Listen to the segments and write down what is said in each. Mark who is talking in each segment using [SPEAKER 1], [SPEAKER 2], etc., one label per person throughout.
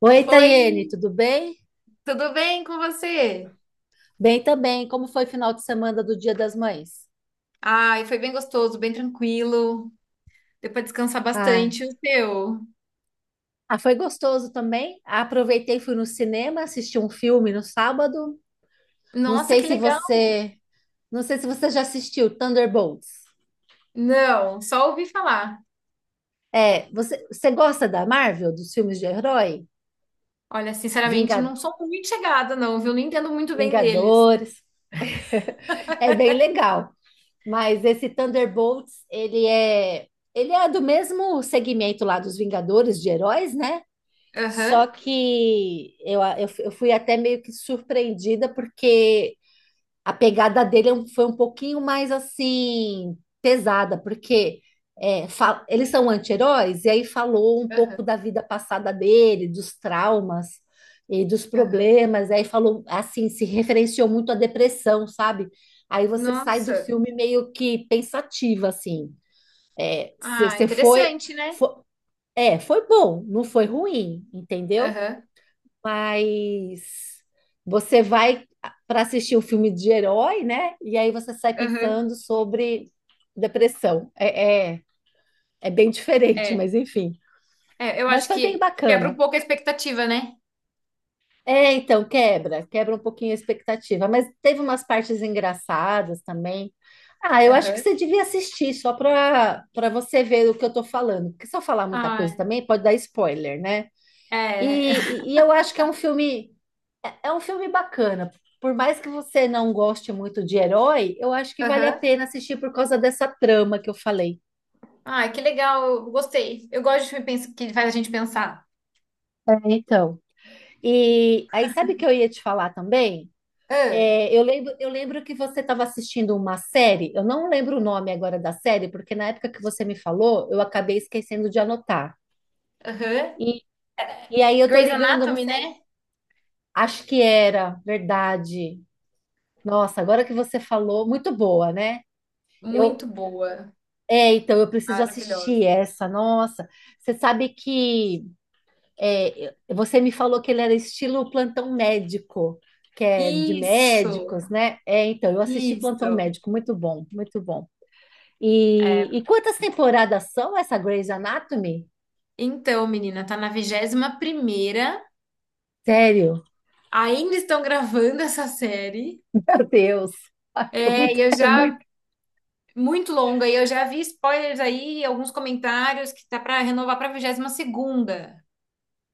[SPEAKER 1] Oi,
[SPEAKER 2] Oi,
[SPEAKER 1] Tayene, tudo bem?
[SPEAKER 2] tudo bem com você?
[SPEAKER 1] Bem também. Como foi o final de semana do Dia das Mães?
[SPEAKER 2] Ai, foi bem gostoso, bem tranquilo. Deu pra descansar
[SPEAKER 1] Ah,
[SPEAKER 2] bastante. O teu?
[SPEAKER 1] foi gostoso também. Aproveitei, fui no cinema, assisti um filme no sábado. Não
[SPEAKER 2] Nossa,
[SPEAKER 1] sei
[SPEAKER 2] que
[SPEAKER 1] se
[SPEAKER 2] legal!
[SPEAKER 1] você, não sei se você já assistiu Thunderbolts.
[SPEAKER 2] Não, só ouvi falar.
[SPEAKER 1] É, você gosta da Marvel, dos filmes de herói?
[SPEAKER 2] Olha, sinceramente, não
[SPEAKER 1] Vinga-
[SPEAKER 2] sou muito chegada, não, viu? Não entendo muito bem deles.
[SPEAKER 1] Vingadores. É bem legal. Mas esse Thunderbolts, ele é do mesmo segmento lá dos Vingadores de heróis, né? Só
[SPEAKER 2] Aham,
[SPEAKER 1] que eu fui até meio que surpreendida, porque a pegada dele foi um pouquinho mais assim, pesada, porque eles são anti-heróis, e aí falou um pouco
[SPEAKER 2] aham,
[SPEAKER 1] da vida passada dele, dos traumas e dos
[SPEAKER 2] aham.
[SPEAKER 1] problemas, e aí falou assim, se referenciou muito à depressão, sabe? Aí você sai do
[SPEAKER 2] Nossa.
[SPEAKER 1] filme meio que pensativa, assim. É,
[SPEAKER 2] Ah,
[SPEAKER 1] você foi,
[SPEAKER 2] interessante, né?
[SPEAKER 1] foi, é, foi bom, não foi ruim, entendeu?
[SPEAKER 2] Aham,
[SPEAKER 1] Mas você vai para assistir um filme de herói, né? E aí você sai
[SPEAKER 2] aham.
[SPEAKER 1] pensando sobre depressão. É bem diferente,
[SPEAKER 2] É.
[SPEAKER 1] mas enfim.
[SPEAKER 2] É, eu
[SPEAKER 1] Mas
[SPEAKER 2] acho
[SPEAKER 1] foi bem
[SPEAKER 2] que quebra um
[SPEAKER 1] bacana.
[SPEAKER 2] pouco a expectativa, né?
[SPEAKER 1] É, então, quebra um pouquinho a expectativa. Mas teve umas partes engraçadas também. Ah, eu acho que
[SPEAKER 2] Aham.
[SPEAKER 1] você devia assistir só para você ver o que eu tô falando. Porque se eu falar muita coisa
[SPEAKER 2] Ah,
[SPEAKER 1] também, pode dar spoiler, né? E,
[SPEAKER 2] é.
[SPEAKER 1] e eu acho que é é é um filme bacana. Por mais que você não goste muito de herói, eu acho que vale a
[SPEAKER 2] Aham.
[SPEAKER 1] pena assistir por causa dessa trama que eu falei.
[SPEAKER 2] Ai, que legal, eu gostei. Eu gosto de filme que faz a gente pensar.
[SPEAKER 1] É, então. E aí, sabe o que eu ia te falar também?
[SPEAKER 2] Ah,
[SPEAKER 1] É, eu lembro que você estava assistindo uma série, eu não lembro o nome agora da série, porque na época que você me falou, eu acabei esquecendo de anotar.
[SPEAKER 2] aham.
[SPEAKER 1] E, e aí eu tô
[SPEAKER 2] Grey's
[SPEAKER 1] ligando, não
[SPEAKER 2] Anatomy,
[SPEAKER 1] sei,
[SPEAKER 2] né?
[SPEAKER 1] acho que era, verdade. Nossa, agora que você falou, muito boa, né?
[SPEAKER 2] Muito
[SPEAKER 1] eu
[SPEAKER 2] boa.
[SPEAKER 1] É, então eu preciso assistir
[SPEAKER 2] Maravilhosa.
[SPEAKER 1] essa. Nossa, você sabe que é, você me falou que ele era estilo plantão médico, que é de
[SPEAKER 2] Isso,
[SPEAKER 1] médicos, né? É, então eu assisti Plantão
[SPEAKER 2] isso.
[SPEAKER 1] Médico, muito bom, muito bom. E,
[SPEAKER 2] É.
[SPEAKER 1] quantas temporadas são essa Grey's Anatomy?
[SPEAKER 2] Então, menina, tá na vigésima primeira.
[SPEAKER 1] Sério?
[SPEAKER 2] Ainda estão gravando essa série.
[SPEAKER 1] Meu Deus, ai, que é
[SPEAKER 2] É,
[SPEAKER 1] muito,
[SPEAKER 2] e eu
[SPEAKER 1] é
[SPEAKER 2] já.
[SPEAKER 1] muito.
[SPEAKER 2] Muito longa. E eu já vi spoilers aí, alguns comentários que tá pra renovar pra vigésima segunda.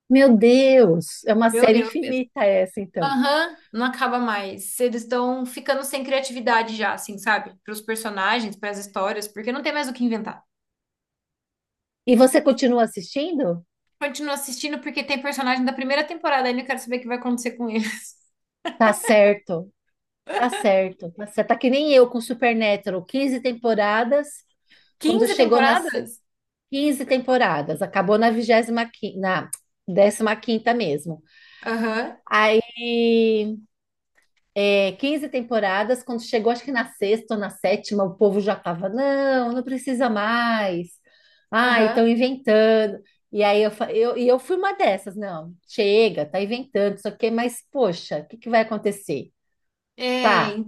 [SPEAKER 1] Meu Deus, é uma
[SPEAKER 2] Meu
[SPEAKER 1] série
[SPEAKER 2] Deus.
[SPEAKER 1] infinita essa, então.
[SPEAKER 2] Aham, não acaba mais. Eles estão ficando sem criatividade já, assim, sabe? Para os personagens, para as histórias, porque não tem mais o que inventar.
[SPEAKER 1] E você continua assistindo?
[SPEAKER 2] Continuo assistindo porque tem personagem da primeira temporada ainda, eu quero saber o que vai acontecer com ele.
[SPEAKER 1] Tá certo. Tá certo. Tá certo. Tá que nem eu com Supernatural, 15 temporadas. Quando
[SPEAKER 2] Quinze
[SPEAKER 1] chegou nas
[SPEAKER 2] temporadas?
[SPEAKER 1] 15 temporadas, acabou na 25, na décima quinta mesmo.
[SPEAKER 2] Aham,
[SPEAKER 1] Aí, 15 temporadas, quando chegou, acho que na sexta ou na sétima, o povo já tava, não, não precisa mais. Ah,
[SPEAKER 2] aham.
[SPEAKER 1] estão inventando. E aí eu, fa- eu, e eu fui uma dessas, não, chega, tá inventando, isso aqui, mas poxa, o que que vai acontecer? Tá,
[SPEAKER 2] É,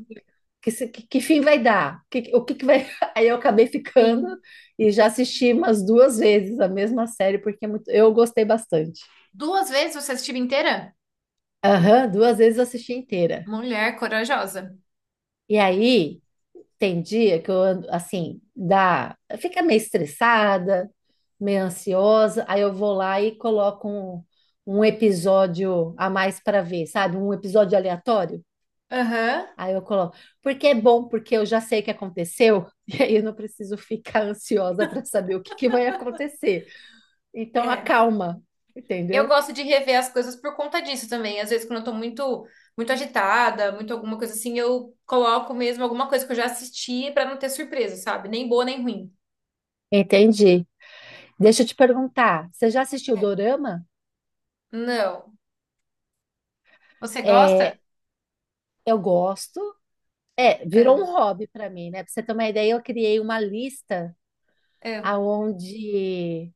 [SPEAKER 1] que, se- que fim vai dar? Que vai. Aí eu acabei ficando
[SPEAKER 2] enfim.
[SPEAKER 1] e já assisti umas duas vezes a mesma série, porque eu gostei bastante.
[SPEAKER 2] Duas vezes você assistiu inteira?
[SPEAKER 1] Aham, duas vezes eu assisti inteira.
[SPEAKER 2] Mulher corajosa.
[SPEAKER 1] E aí tem dia que eu ando assim, dá, fica meio estressada, meio ansiosa, aí eu vou lá e coloco um episódio a mais para ver, sabe? Um episódio aleatório.
[SPEAKER 2] Aham.
[SPEAKER 1] Aí eu coloco, porque é bom, porque eu já sei o que aconteceu, e aí eu não preciso ficar ansiosa para saber o que que vai acontecer. Então
[SPEAKER 2] É.
[SPEAKER 1] acalma,
[SPEAKER 2] Eu
[SPEAKER 1] entendeu?
[SPEAKER 2] gosto de rever as coisas por conta disso também. Às vezes, quando eu tô muito, muito agitada, muito alguma coisa assim, eu coloco mesmo alguma coisa que eu já assisti pra não ter surpresa, sabe? Nem boa, nem ruim.
[SPEAKER 1] Entendi. Deixa eu te perguntar, você já assistiu Dorama?
[SPEAKER 2] Não. Você
[SPEAKER 1] É,
[SPEAKER 2] gosta?
[SPEAKER 1] eu gosto. É, virou
[SPEAKER 2] É,
[SPEAKER 1] um hobby para mim, né? Para você ter uma ideia, eu criei uma lista
[SPEAKER 2] é.
[SPEAKER 1] aonde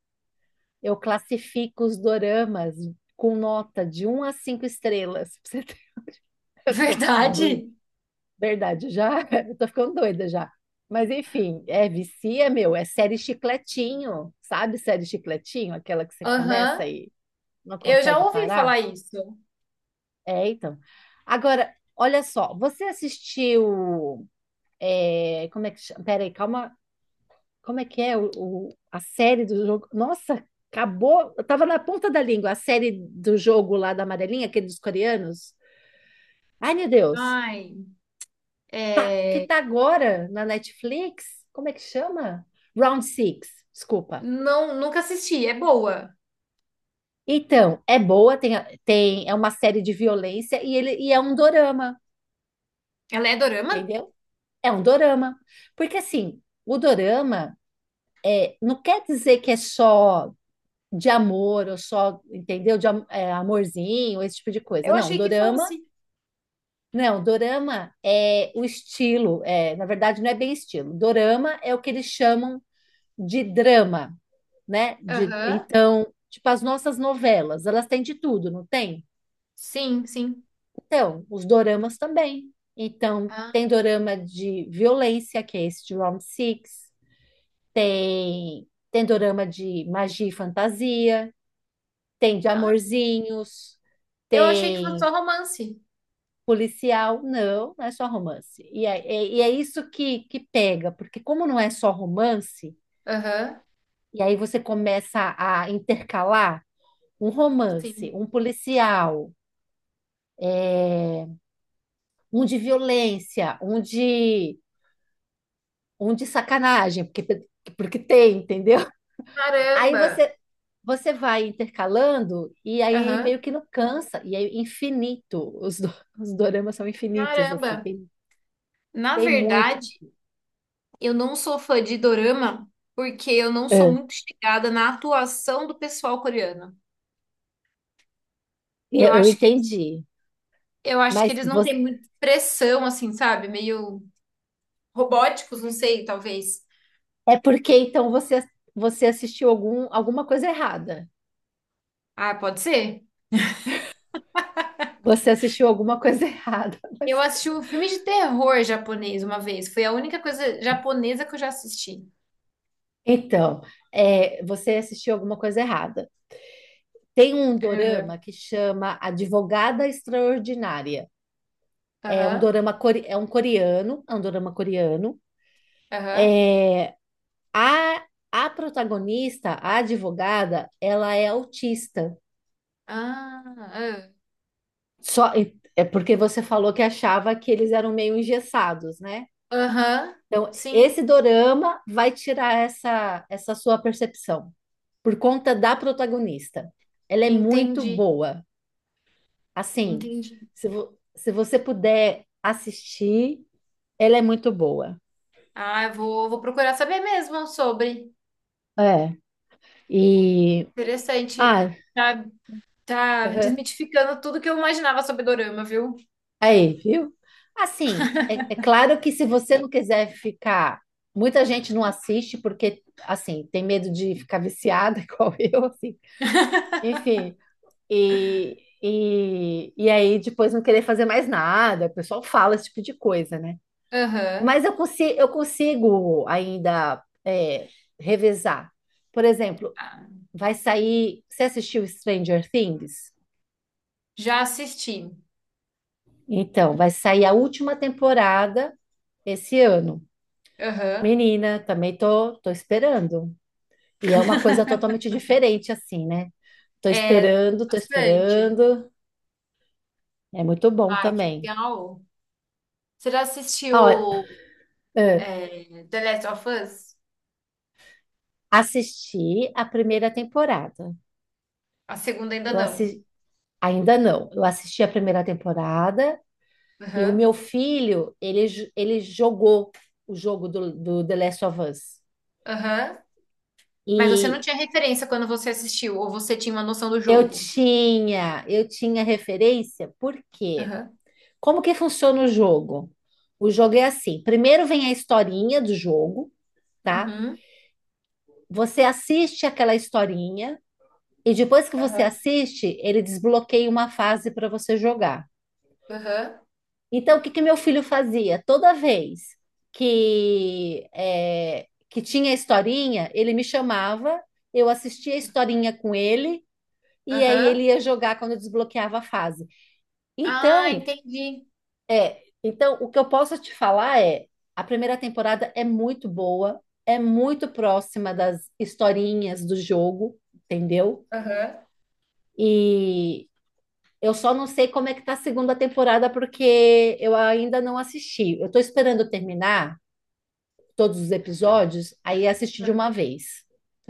[SPEAKER 1] eu classifico os doramas com nota de um a 5 estrelas. Eu tô doida.
[SPEAKER 2] Verdade?
[SPEAKER 1] Verdade, já eu tô ficando doida já. Mas enfim, é vicia, meu, é série chicletinho, sabe? Série chicletinho, aquela que você começa
[SPEAKER 2] Aham.
[SPEAKER 1] e não
[SPEAKER 2] Eu já
[SPEAKER 1] consegue
[SPEAKER 2] ouvi
[SPEAKER 1] parar?
[SPEAKER 2] falar isso.
[SPEAKER 1] É, então. Agora, olha só, como é que chama? Peraí, calma, como é que é a série do jogo? Nossa, acabou, eu tava na ponta da língua, a série do jogo lá da Amarelinha, aquele dos coreanos. Ai, meu Deus.
[SPEAKER 2] Ai,
[SPEAKER 1] Tá, que
[SPEAKER 2] é.
[SPEAKER 1] tá agora na Netflix, como é que chama? Round Six, desculpa.
[SPEAKER 2] Não, nunca assisti. É boa.
[SPEAKER 1] Então, é boa, tem, é uma série de violência e ele e é um dorama,
[SPEAKER 2] Ela é dorama?
[SPEAKER 1] entendeu? É um dorama. Porque assim, o dorama não quer dizer que é só de amor ou só, entendeu? Amorzinho, esse tipo de coisa.
[SPEAKER 2] Eu achei que fosse.
[SPEAKER 1] Não, dorama é o estilo, é, na verdade não é bem estilo. Dorama é o que eles chamam de drama, né? De,
[SPEAKER 2] Aham.
[SPEAKER 1] então, tipo, as nossas novelas, elas têm de tudo, não tem?
[SPEAKER 2] Sim, sim.
[SPEAKER 1] Então, os doramas também. Então,
[SPEAKER 2] Ah,
[SPEAKER 1] tem dorama de violência, que é esse de Round Six, tem dorama de magia e fantasia, tem de
[SPEAKER 2] ah.
[SPEAKER 1] amorzinhos,
[SPEAKER 2] Eu achei que fosse
[SPEAKER 1] tem
[SPEAKER 2] só romance.
[SPEAKER 1] policial, não, não é só romance. E é isso que pega, porque como não é só romance,
[SPEAKER 2] Aham.
[SPEAKER 1] e aí você começa a intercalar. Um romance,
[SPEAKER 2] Sim.
[SPEAKER 1] um policial, é, um de violência, um de sacanagem, porque tem, entendeu? Aí
[SPEAKER 2] Caramba!
[SPEAKER 1] você, você vai intercalando e aí meio
[SPEAKER 2] Aham.
[SPEAKER 1] que não cansa, e é infinito. Os doramas são infinitos, assim,
[SPEAKER 2] Caramba! Na
[SPEAKER 1] tem muito.
[SPEAKER 2] verdade, eu não sou fã de dorama porque eu não sou
[SPEAKER 1] É,
[SPEAKER 2] muito chegada na atuação do pessoal coreano. Eu
[SPEAKER 1] eu
[SPEAKER 2] acho que,
[SPEAKER 1] entendi.
[SPEAKER 2] eu acho que
[SPEAKER 1] Mas
[SPEAKER 2] eles não
[SPEAKER 1] você-
[SPEAKER 2] têm muita expressão, assim, sabe? Meio robóticos, não sei, talvez.
[SPEAKER 1] é porque então você assistiu alguma coisa errada.
[SPEAKER 2] Ah, pode ser?
[SPEAKER 1] Você assistiu alguma coisa errada.
[SPEAKER 2] Eu
[SPEAKER 1] Mas
[SPEAKER 2] assisti um filme de terror japonês uma vez. Foi a única coisa japonesa que eu já assisti.
[SPEAKER 1] então, é, você assistiu alguma coisa errada. Tem um
[SPEAKER 2] Aham.
[SPEAKER 1] dorama que chama Advogada Extraordinária.
[SPEAKER 2] Aham.
[SPEAKER 1] É um coreano, é um dorama coreano.
[SPEAKER 2] Aham.
[SPEAKER 1] A, a protagonista, a advogada, ela é autista.
[SPEAKER 2] Ah, ah.
[SPEAKER 1] Só é porque você falou que achava que eles eram meio engessados, né?
[SPEAKER 2] Aham.
[SPEAKER 1] Então,
[SPEAKER 2] Sim,
[SPEAKER 1] esse dorama vai tirar essa sua percepção por conta da protagonista. Ela é muito
[SPEAKER 2] entendi.
[SPEAKER 1] boa. Assim,
[SPEAKER 2] Entendi.
[SPEAKER 1] se você puder assistir, ela é muito boa.
[SPEAKER 2] Ah, eu vou procurar saber mesmo sobre.
[SPEAKER 1] É. E.
[SPEAKER 2] Interessante.
[SPEAKER 1] Ah,
[SPEAKER 2] Tá, tá
[SPEAKER 1] aham.
[SPEAKER 2] desmitificando tudo que eu imaginava sobre Dorama, viu?
[SPEAKER 1] Aí, viu? Assim, é claro que se você não quiser ficar. Muita gente não assiste porque, assim, tem medo de ficar viciada, igual eu, assim. Enfim, e, e aí depois não querer fazer mais nada. O pessoal fala esse tipo de coisa, né?
[SPEAKER 2] Aham.
[SPEAKER 1] Mas eu consigo ainda é, revezar. Por exemplo,
[SPEAKER 2] Ah,
[SPEAKER 1] vai sair. Você assistiu Stranger Things?
[SPEAKER 2] já assisti.
[SPEAKER 1] Então, vai sair a última temporada esse ano.
[SPEAKER 2] Aham.
[SPEAKER 1] Menina, também tô esperando. E é uma coisa totalmente diferente, assim, né? Tô
[SPEAKER 2] É,
[SPEAKER 1] esperando, tô
[SPEAKER 2] bastante.
[SPEAKER 1] esperando. É muito bom
[SPEAKER 2] Ah, que
[SPEAKER 1] também.
[SPEAKER 2] legal. Você já
[SPEAKER 1] Olha,
[SPEAKER 2] assistiu
[SPEAKER 1] ah,
[SPEAKER 2] The Last of Us?
[SPEAKER 1] assisti a primeira temporada.
[SPEAKER 2] A segunda ainda
[SPEAKER 1] Eu
[SPEAKER 2] não.
[SPEAKER 1] assisti, ainda não. Eu assisti a primeira temporada. E o
[SPEAKER 2] Aham.
[SPEAKER 1] meu filho, ele jogou o jogo do The Last of Us.
[SPEAKER 2] Aham. Mas você não
[SPEAKER 1] E
[SPEAKER 2] tinha referência quando você assistiu, ou você tinha uma noção do jogo?
[SPEAKER 1] eu tinha referência, porque
[SPEAKER 2] Aham.
[SPEAKER 1] como que funciona o jogo? O jogo é assim: primeiro vem a historinha do jogo, tá?
[SPEAKER 2] Uhum.
[SPEAKER 1] Você assiste aquela historinha, e depois que você
[SPEAKER 2] Aham.
[SPEAKER 1] assiste, ele desbloqueia uma fase para você jogar.
[SPEAKER 2] Aham.
[SPEAKER 1] Então, o que que meu filho fazia? Toda vez que tinha historinha, ele me chamava, eu assistia a historinha com ele, e aí
[SPEAKER 2] Aham.
[SPEAKER 1] ele ia jogar quando eu desbloqueava a fase.
[SPEAKER 2] Ah,
[SPEAKER 1] Então,
[SPEAKER 2] entendi.
[SPEAKER 1] então, o que eu posso te falar é, a primeira temporada é muito boa, é muito próxima das historinhas do jogo, entendeu?
[SPEAKER 2] Aham.
[SPEAKER 1] E eu só não sei como é que tá a segunda temporada, porque eu ainda não assisti. Eu tô esperando terminar todos os episódios, aí assisti de
[SPEAKER 2] Aham.
[SPEAKER 1] uma vez.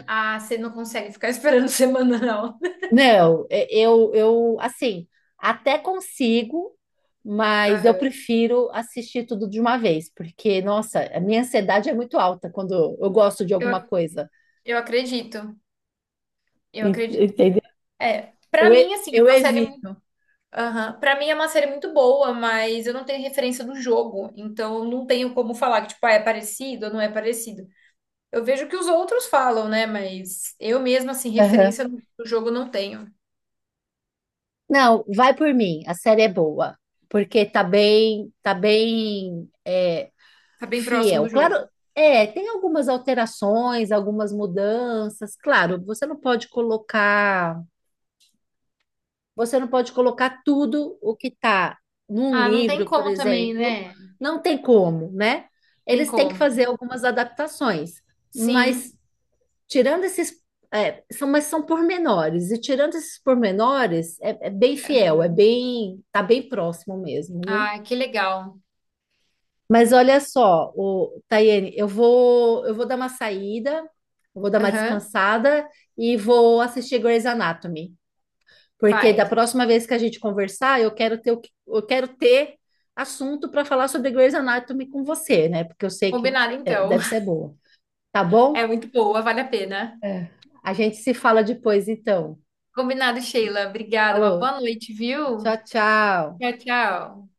[SPEAKER 2] Ah, você não consegue ficar esperando semanal.
[SPEAKER 1] Não, é, eu assim, até consigo, mas eu
[SPEAKER 2] Aham.
[SPEAKER 1] prefiro assistir tudo de uma vez, porque, nossa, a minha ansiedade é muito alta quando eu gosto de
[SPEAKER 2] Eu,
[SPEAKER 1] alguma
[SPEAKER 2] ac-
[SPEAKER 1] coisa.
[SPEAKER 2] eu acredito, eu acredito.
[SPEAKER 1] Entendeu?
[SPEAKER 2] É, pra mim, assim, é
[SPEAKER 1] Eu
[SPEAKER 2] uma série.
[SPEAKER 1] evito.
[SPEAKER 2] Aham. Pra mim é uma série muito boa, mas eu não tenho referência do jogo, então eu não tenho como falar que, tipo, ah, é parecido ou não é parecido. Eu vejo que os outros falam, né? Mas eu mesma, assim,
[SPEAKER 1] Aham.
[SPEAKER 2] referência do jogo não tenho.
[SPEAKER 1] Não, vai por mim, a série é boa, porque tá bem, é,
[SPEAKER 2] Tá bem próximo
[SPEAKER 1] fiel.
[SPEAKER 2] do
[SPEAKER 1] Claro,
[SPEAKER 2] jogo.
[SPEAKER 1] é, tem algumas alterações, algumas mudanças. Claro, você não pode colocar tudo o que está num
[SPEAKER 2] Ah, não tem
[SPEAKER 1] livro, por
[SPEAKER 2] como também,
[SPEAKER 1] exemplo.
[SPEAKER 2] né? Não
[SPEAKER 1] Não tem como, né?
[SPEAKER 2] tem
[SPEAKER 1] Eles têm que
[SPEAKER 2] como.
[SPEAKER 1] fazer algumas adaptações,
[SPEAKER 2] Sim.
[SPEAKER 1] mas tirando esses, mas são pormenores, e tirando esses pormenores, é bem fiel, é
[SPEAKER 2] Aham.
[SPEAKER 1] bem, tá bem próximo mesmo, viu?
[SPEAKER 2] Ah, que legal.
[SPEAKER 1] Mas olha só, o Tayene, eu vou dar uma saída, eu vou dar uma
[SPEAKER 2] Aham.
[SPEAKER 1] descansada e vou assistir Grey's Anatomy, porque da
[SPEAKER 2] Faz.
[SPEAKER 1] próxima vez que a gente conversar, eu quero ter assunto para falar sobre Grey's Anatomy com você, né? Porque eu sei que
[SPEAKER 2] Combinado,
[SPEAKER 1] é,
[SPEAKER 2] então.
[SPEAKER 1] deve ser boa. Tá
[SPEAKER 2] É
[SPEAKER 1] bom?
[SPEAKER 2] muito boa, vale a pena.
[SPEAKER 1] É. A gente se fala depois, então.
[SPEAKER 2] Combinado, Sheila. Obrigada. Uma
[SPEAKER 1] Falou.
[SPEAKER 2] boa noite,
[SPEAKER 1] Tchau,
[SPEAKER 2] viu?
[SPEAKER 1] tchau.
[SPEAKER 2] Tchau, tchau.